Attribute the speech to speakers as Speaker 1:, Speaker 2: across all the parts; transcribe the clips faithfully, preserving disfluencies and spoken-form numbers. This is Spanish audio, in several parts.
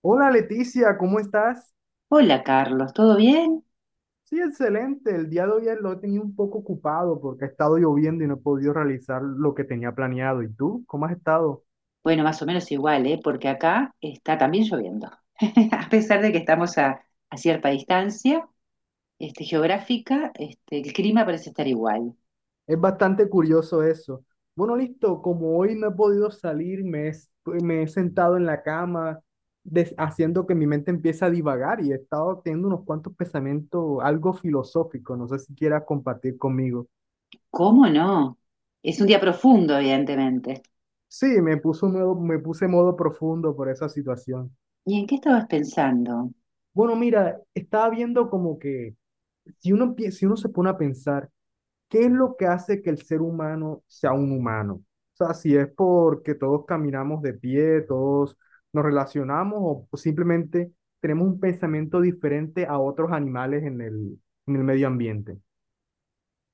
Speaker 1: Hola Leticia, ¿cómo estás?
Speaker 2: Hola Carlos, ¿todo bien?
Speaker 1: Sí, excelente. El día de hoy lo he tenido un poco ocupado porque ha estado lloviendo y no he podido realizar lo que tenía planeado. ¿Y tú? ¿Cómo has estado?
Speaker 2: Bueno, más o menos igual, ¿eh? Porque acá está también lloviendo. A pesar de que estamos a, a cierta distancia, este, geográfica, este, el clima parece estar igual.
Speaker 1: Es bastante curioso eso. Bueno, listo, como hoy no he podido salir, me he, s- me he sentado en la cama, des- haciendo que mi mente empiece a divagar y he estado teniendo unos cuantos pensamientos algo filosóficos. No sé si quieras compartir conmigo.
Speaker 2: ¿Cómo no? Es un día profundo, evidentemente.
Speaker 1: Sí, me puso modo, me puse modo profundo por esa situación.
Speaker 2: ¿Y en qué estabas pensando?
Speaker 1: Bueno, mira, estaba viendo como que si uno, empie- si uno se pone a pensar, ¿qué es lo que hace que el ser humano sea un humano? O sea, si es porque todos caminamos de pie, todos nos relacionamos o simplemente tenemos un pensamiento diferente a otros animales en el, en el medio ambiente.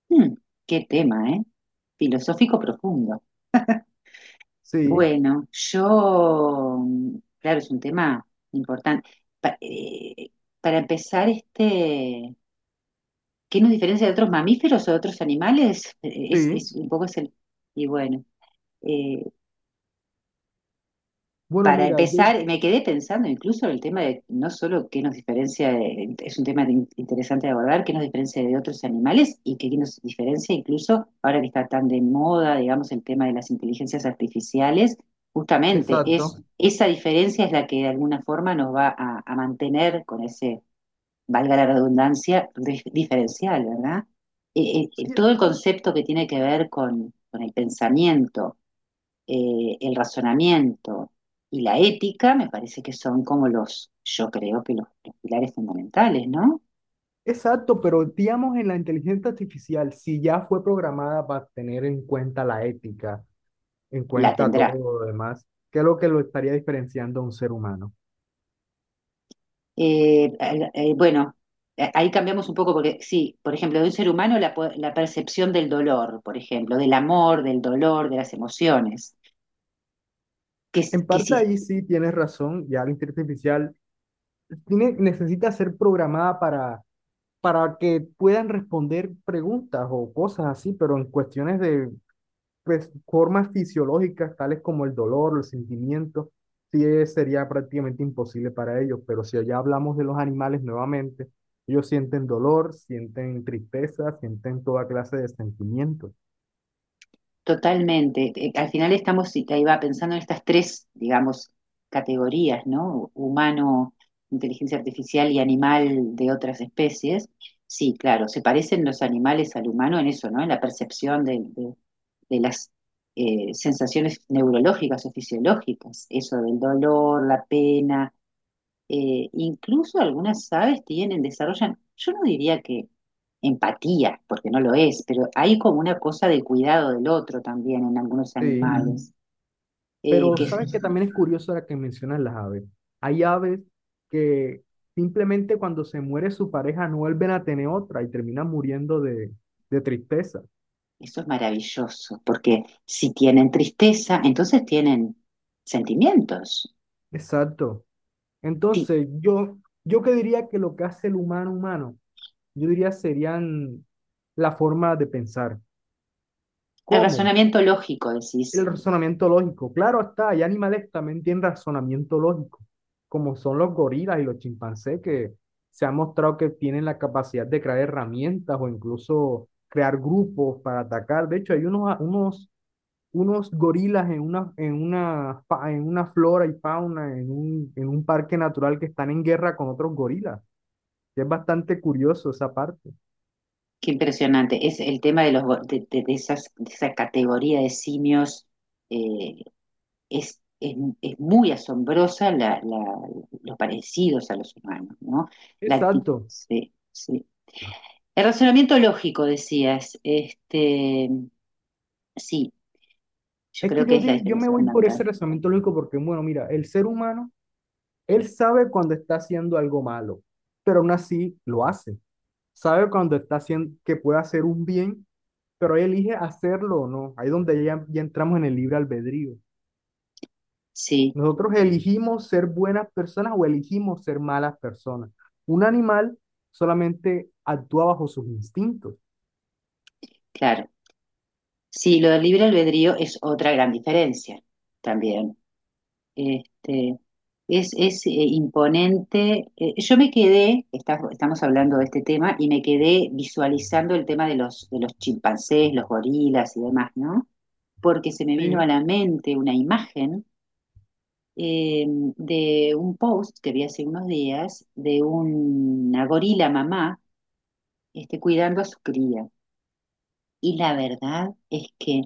Speaker 2: Hmm, qué tema, ¿eh? Filosófico profundo.
Speaker 1: Sí,
Speaker 2: Bueno, yo, claro, es un tema importante. Pa- eh, para empezar, este... ¿Qué nos diferencia de otros mamíferos o de otros animales? Eh, Es,
Speaker 1: sí.
Speaker 2: es un poco es el... Y bueno, eh,
Speaker 1: Bueno,
Speaker 2: para
Speaker 1: mira, yo,
Speaker 2: empezar, me quedé pensando incluso en el tema de no solo qué nos diferencia, de- es un tema de- interesante de abordar, qué nos diferencia de otros animales y qué nos diferencia incluso, ahora que está tan de moda, digamos, el tema de las inteligencias artificiales, justamente es,
Speaker 1: exacto.
Speaker 2: esa diferencia es la que de alguna forma nos va a, a mantener con ese valga la redundancia, dif- diferencial, ¿verdad? Eh, eh,
Speaker 1: Sí,
Speaker 2: todo el concepto que tiene que ver con, con el pensamiento, eh, el razonamiento y la ética, me parece que son como los, yo creo que los, los pilares fundamentales, ¿no?
Speaker 1: exacto, pero digamos en la inteligencia artificial, si ya fue programada para tener en cuenta la ética en
Speaker 2: La
Speaker 1: cuenta todo
Speaker 2: tendrá.
Speaker 1: lo demás, que es lo que lo estaría diferenciando a un ser humano.
Speaker 2: Eh, al- eh, bueno, eh, ahí cambiamos un poco porque, sí, por ejemplo, de un ser humano la, po- la percepción del dolor, por ejemplo, del amor, del dolor, de las emociones, que, s-
Speaker 1: En
Speaker 2: que
Speaker 1: parte
Speaker 2: si
Speaker 1: ahí sí tienes razón, ya la inteligencia artificial tiene, necesita ser programada para, para que puedan responder preguntas o cosas así, pero en cuestiones de pues, formas fisiológicas, tales como el dolor, los sentimientos, sí, eh, sería prácticamente imposible para ellos, pero si ya hablamos de los animales nuevamente, ellos sienten dolor, sienten tristeza, sienten toda clase de sentimientos.
Speaker 2: totalmente. Eh, Al final estamos, y te iba pensando en estas tres, digamos, categorías, ¿no? Humano, inteligencia artificial y animal de otras especies. Sí, claro, se parecen los animales al humano en eso, ¿no? En la percepción de, de- de las eh, sensaciones neurológicas o fisiológicas, eso del dolor, la pena, eh, incluso algunas aves tienen, desarrollan, yo no diría que empatía, porque no lo es, pero hay como una cosa de cuidado del otro también en algunos Mm,
Speaker 1: Sí.
Speaker 2: animales, eh,
Speaker 1: Pero
Speaker 2: que es-
Speaker 1: sabes que también es curioso ahora que mencionas las aves. Hay aves que simplemente cuando se muere su pareja no vuelven a tener otra y terminan muriendo de, de tristeza.
Speaker 2: eso es maravilloso, porque si tienen tristeza, entonces tienen sentimientos.
Speaker 1: Exacto.
Speaker 2: Ti-
Speaker 1: Entonces, yo, yo que diría que lo que hace el humano humano, yo diría serían la forma de pensar.
Speaker 2: El
Speaker 1: ¿Cómo?
Speaker 2: razonamiento lógico,
Speaker 1: El
Speaker 2: decís,
Speaker 1: razonamiento lógico. Claro está, hay animales que también tienen razonamiento lógico, como son los gorilas y los chimpancés, que se ha mostrado que tienen la capacidad de crear herramientas o incluso crear grupos para atacar. De hecho, hay unos, unos, unos gorilas en una, en, una, fa- en una flora y fauna, en un, en un parque natural que están en guerra con otros gorilas. Es bastante curioso esa parte.
Speaker 2: qué impresionante, es el tema de, los, go- de, de- de esas, de esa categoría de simios. eh, es, es- es muy asombrosa la, la- los parecidos a los humanos, ¿no? La acti-
Speaker 1: Exacto.
Speaker 2: sí, sí. El razonamiento lógico, decías, este, sí, yo
Speaker 1: Es que
Speaker 2: creo que
Speaker 1: yo,
Speaker 2: es la
Speaker 1: di- yo me
Speaker 2: diferencia
Speaker 1: voy por
Speaker 2: fundamental.
Speaker 1: ese razonamiento lógico porque, bueno, mira, el ser humano él sabe cuando está haciendo algo malo, pero aún así lo hace. Sabe cuando está haciendo que puede hacer un bien, pero él elige hacerlo o no. Ahí es donde ya, ya entramos en el libre albedrío.
Speaker 2: Sí,
Speaker 1: Nosotros elegimos ser buenas personas o elegimos ser malas personas. Un animal solamente actúa bajo sus instintos.
Speaker 2: claro. Sí, lo del libre albedrío es otra gran diferencia también. Este, es, es eh, imponente. Eh, yo me quedé, está- estamos hablando de este tema, y me quedé visualizando el tema de los, de los chimpancés, los gorilas y demás, ¿no? Porque se me vino a
Speaker 1: Sí,
Speaker 2: la mente una imagen eh, de un post que vi hace unos días de una gorila mamá este, cuidando a su cría. Y la verdad es que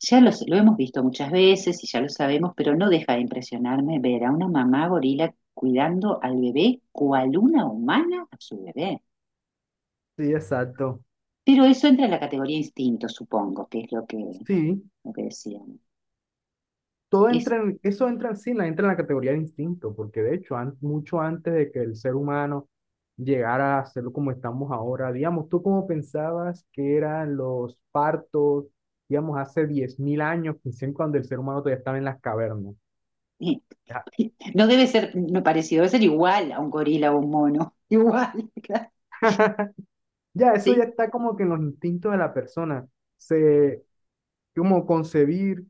Speaker 2: ya lo, lo hemos visto muchas veces y ya lo sabemos, pero no deja de impresionarme ver a una mamá gorila cuidando al bebé cual una humana a su bebé.
Speaker 1: sí, exacto.
Speaker 2: Pero eso entra en la categoría instinto, supongo, que es lo que,
Speaker 1: Sí,
Speaker 2: lo que decían.
Speaker 1: todo
Speaker 2: Es,
Speaker 1: entra en, eso entra en sí, la- entra en la categoría de instinto, porque de hecho, an- mucho antes de que el ser humano llegara a serlo como estamos ahora, digamos, ¿tú cómo pensabas que eran los partos, digamos, hace diez mil años, quizás cuando el ser humano todavía estaba en las cavernas?
Speaker 2: eh, No debe ser no parecido, debe ser igual a un gorila o un mono. Igual, claro.
Speaker 1: Ya, eso ya
Speaker 2: Sí,
Speaker 1: está como que en los instintos de la persona. Se, como concebir,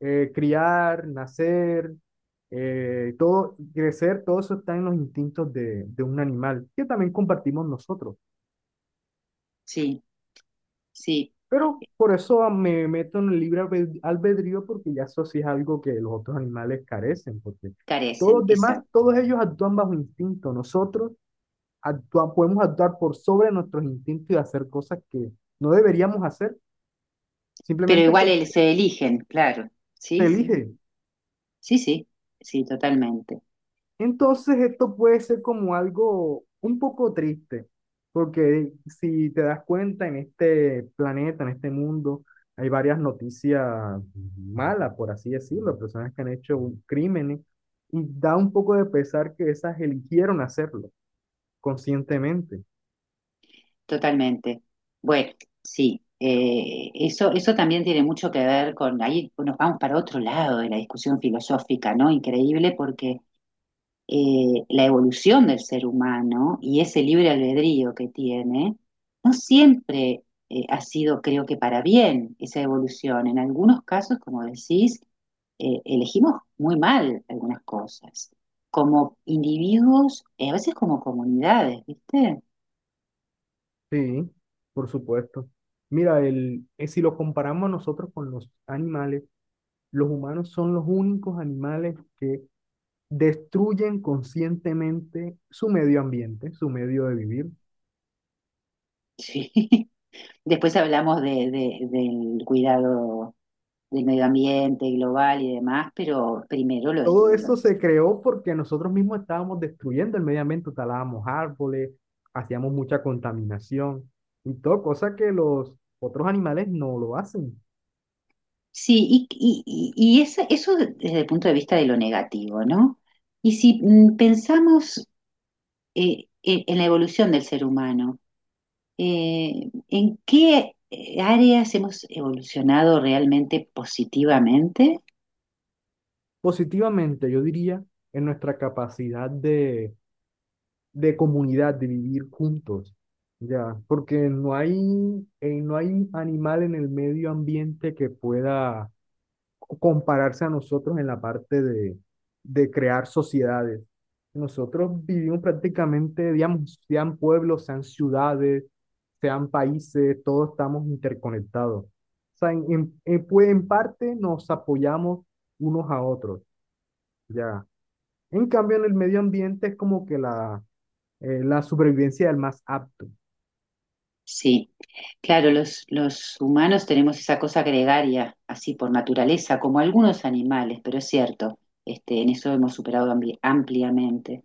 Speaker 1: eh, criar, nacer, eh, todo, crecer, todo eso está en los instintos de, de un animal, que también compartimos nosotros.
Speaker 2: sí, sí,
Speaker 1: Pero por eso me meto en el libre albedrío, porque ya eso sí es algo que los otros animales carecen, porque todos
Speaker 2: carecen,
Speaker 1: los demás,
Speaker 2: exacto.
Speaker 1: todos ellos actúan bajo instinto. Nosotros actua- podemos actuar por sobre nuestros instintos y hacer cosas que no deberíamos hacer,
Speaker 2: Pero
Speaker 1: simplemente
Speaker 2: igual el-
Speaker 1: porque
Speaker 2: se eligen, claro.
Speaker 1: te
Speaker 2: Sí, sí,
Speaker 1: elige.
Speaker 2: sí, sí, sí, totalmente,
Speaker 1: Entonces esto puede ser como algo un poco triste, porque si te das cuenta en este planeta, en este mundo, hay varias noticias malas, por así decirlo, personas que han hecho un- crímenes, y da un poco de pesar que esas eligieron hacerlo conscientemente.
Speaker 2: totalmente. Bueno, sí, eh, eso, eso también tiene mucho que ver con, ahí nos vamos para otro lado de la discusión filosófica, ¿no? Increíble porque eh, la evolución del ser humano y ese libre albedrío que tiene, no siempre eh, ha sido, creo que, para bien esa evolución. En algunos casos, como decís, eh, elegimos muy mal algunas cosas, como individuos, eh, a veces como comunidades, ¿viste?
Speaker 1: Sí, por supuesto. Mira, el, eh, si lo comparamos nosotros con los animales, los humanos son los únicos animales que destruyen conscientemente su medio ambiente, su medio de vivir.
Speaker 2: Sí. Después hablamos de, de- del cuidado del medio ambiente global y demás, pero primero lo
Speaker 1: Todo eso
Speaker 2: estudiamos.
Speaker 1: se creó porque nosotros mismos estábamos destruyendo el medio ambiente, talábamos árboles, hacíamos mucha contaminación y todo, cosa que los otros animales no lo hacen.
Speaker 2: Sí, y, y, y- y eso, eso desde el punto de vista de lo negativo, ¿no? Y si mm, pensamos eh, en, en la evolución del ser humano, eh, ¿en qué eh, áreas hemos evolucionado realmente positivamente?
Speaker 1: Positivamente, yo diría, en nuestra capacidad de, de comunidad, de vivir juntos. Ya, porque no hay, eh, no hay animal en el medio ambiente que pueda compararse a nosotros en la parte de, de crear sociedades. Nosotros vivimos prácticamente, digamos, sean pueblos, sean ciudades, sean países, todos estamos interconectados. O sea, en, en- en- pues, en parte nos apoyamos unos a otros, ya. En cambio, en el medio ambiente es como que la, eh, la supervivencia del más apto.
Speaker 2: Sí, claro, los, los humanos tenemos esa cosa gregaria, así por naturaleza, como algunos animales, pero es cierto, este, en eso hemos superado ambi- ampliamente,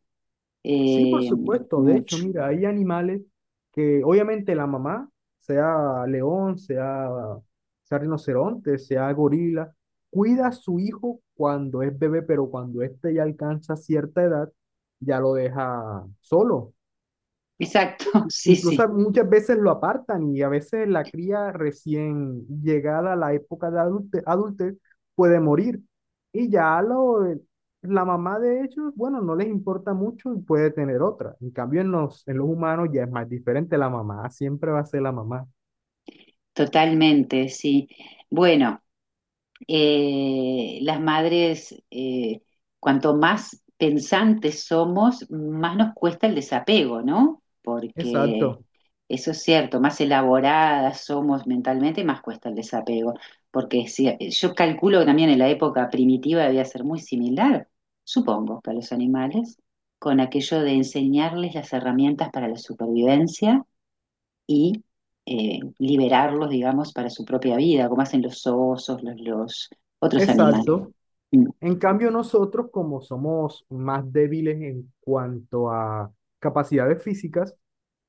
Speaker 1: Sí, por
Speaker 2: eh,
Speaker 1: supuesto. De hecho,
Speaker 2: mucho.
Speaker 1: mira, hay animales que obviamente la mamá, sea león, sea, sea rinoceronte, sea gorila, cuida a su hijo cuando es bebé, pero cuando éste ya alcanza cierta edad, ya lo deja solo.
Speaker 2: Exacto, sí, sí.
Speaker 1: Incluso muchas veces lo apartan y a veces la cría recién llegada a la época de adulte- adultez puede morir. Y ya lo, la mamá de ellos, bueno, no les importa mucho y puede tener otra. En cambio, en los, en los humanos ya es más diferente. La mamá siempre va a ser la mamá.
Speaker 2: Totalmente, sí. Bueno, eh, las madres, eh, cuanto más pensantes somos, más nos cuesta el desapego, ¿no? Porque
Speaker 1: Exacto,
Speaker 2: eso es cierto, más elaboradas somos mentalmente, más cuesta el desapego. Porque si, yo calculo que también en la época primitiva debía ser muy similar, supongo, que a los animales, con aquello de enseñarles las herramientas para la supervivencia y eh, liberarlos, digamos, para su propia vida, como hacen los osos, los, los otros animales.
Speaker 1: exacto.
Speaker 2: Mm.
Speaker 1: En cambio, nosotros, como somos más débiles en cuanto a capacidades físicas,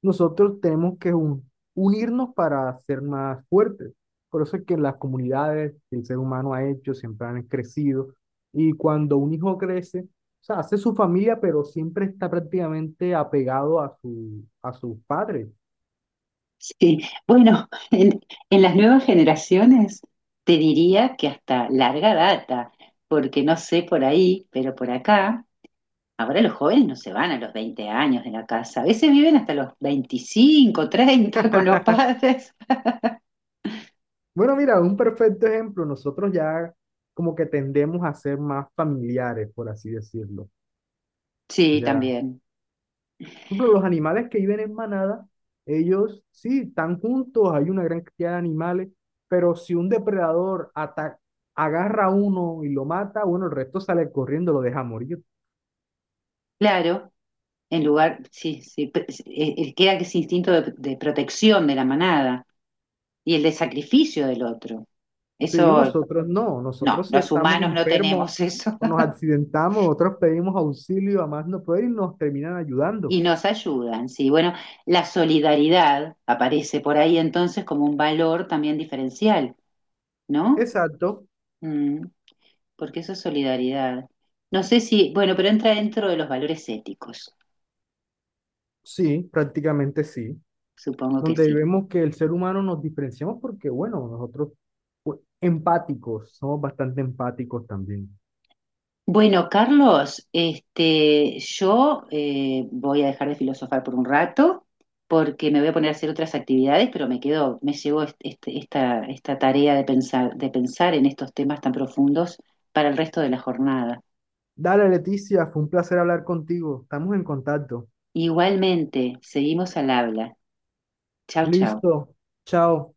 Speaker 1: nosotros tenemos que un- unirnos para ser más fuertes. Por eso es que las comunidades que el ser humano ha hecho siempre han crecido. Y cuando un hijo crece, o sea, hace su familia, pero siempre está prácticamente apegado a su, a sus padres.
Speaker 2: Sí, bueno, en, en las nuevas generaciones te diría que hasta larga data, porque no sé por ahí, pero por acá, ahora los jóvenes no se van a los veinte años de la casa, a veces viven hasta los veinticinco, treinta con los padres.
Speaker 1: Bueno, mira, un perfecto ejemplo. Nosotros ya como que tendemos a ser más familiares, por así decirlo.
Speaker 2: Sí,
Speaker 1: Ya.
Speaker 2: también,
Speaker 1: Por ejemplo, los animales que viven en manada, ellos sí están juntos, hay una gran cantidad de animales, pero si un depredador ata- agarra a uno y lo mata, bueno, el resto sale corriendo, lo deja morir.
Speaker 2: claro, en lugar, sí, sí, pe- eh, eh, queda ese instinto de, de protección de la manada. Y el de sacrificio del otro.
Speaker 1: Sí,
Speaker 2: Eso
Speaker 1: nosotros no,
Speaker 2: no,
Speaker 1: nosotros si
Speaker 2: los
Speaker 1: estamos
Speaker 2: humanos no
Speaker 1: enfermos
Speaker 2: tenemos eso
Speaker 1: o nos accidentamos, nosotros pedimos auxilio a más no poder y nos terminan ayudando.
Speaker 2: y nos ayudan, sí. Bueno, la solidaridad aparece por ahí entonces como un valor también diferencial, ¿no?
Speaker 1: Exacto,
Speaker 2: Mm, porque eso es solidaridad. No sé si, bueno, pero entra dentro de los valores éticos,
Speaker 1: sí, prácticamente sí.
Speaker 2: supongo que
Speaker 1: Donde
Speaker 2: sí.
Speaker 1: vemos que el ser humano nos diferenciamos porque, bueno, nosotros pues, empáticos, somos bastante empáticos también.
Speaker 2: Bueno, Carlos, este, yo eh, voy a dejar de filosofar por un rato porque me voy a poner a hacer otras actividades, pero me quedo, me llevo est- este- esta, esta tarea de pensar, de pensar en estos temas tan profundos para el resto de la jornada.
Speaker 1: Dale, Leticia, fue un placer hablar contigo. Estamos en contacto.
Speaker 2: Igualmente, seguimos al habla. Chau, chau.
Speaker 1: Listo. Chao.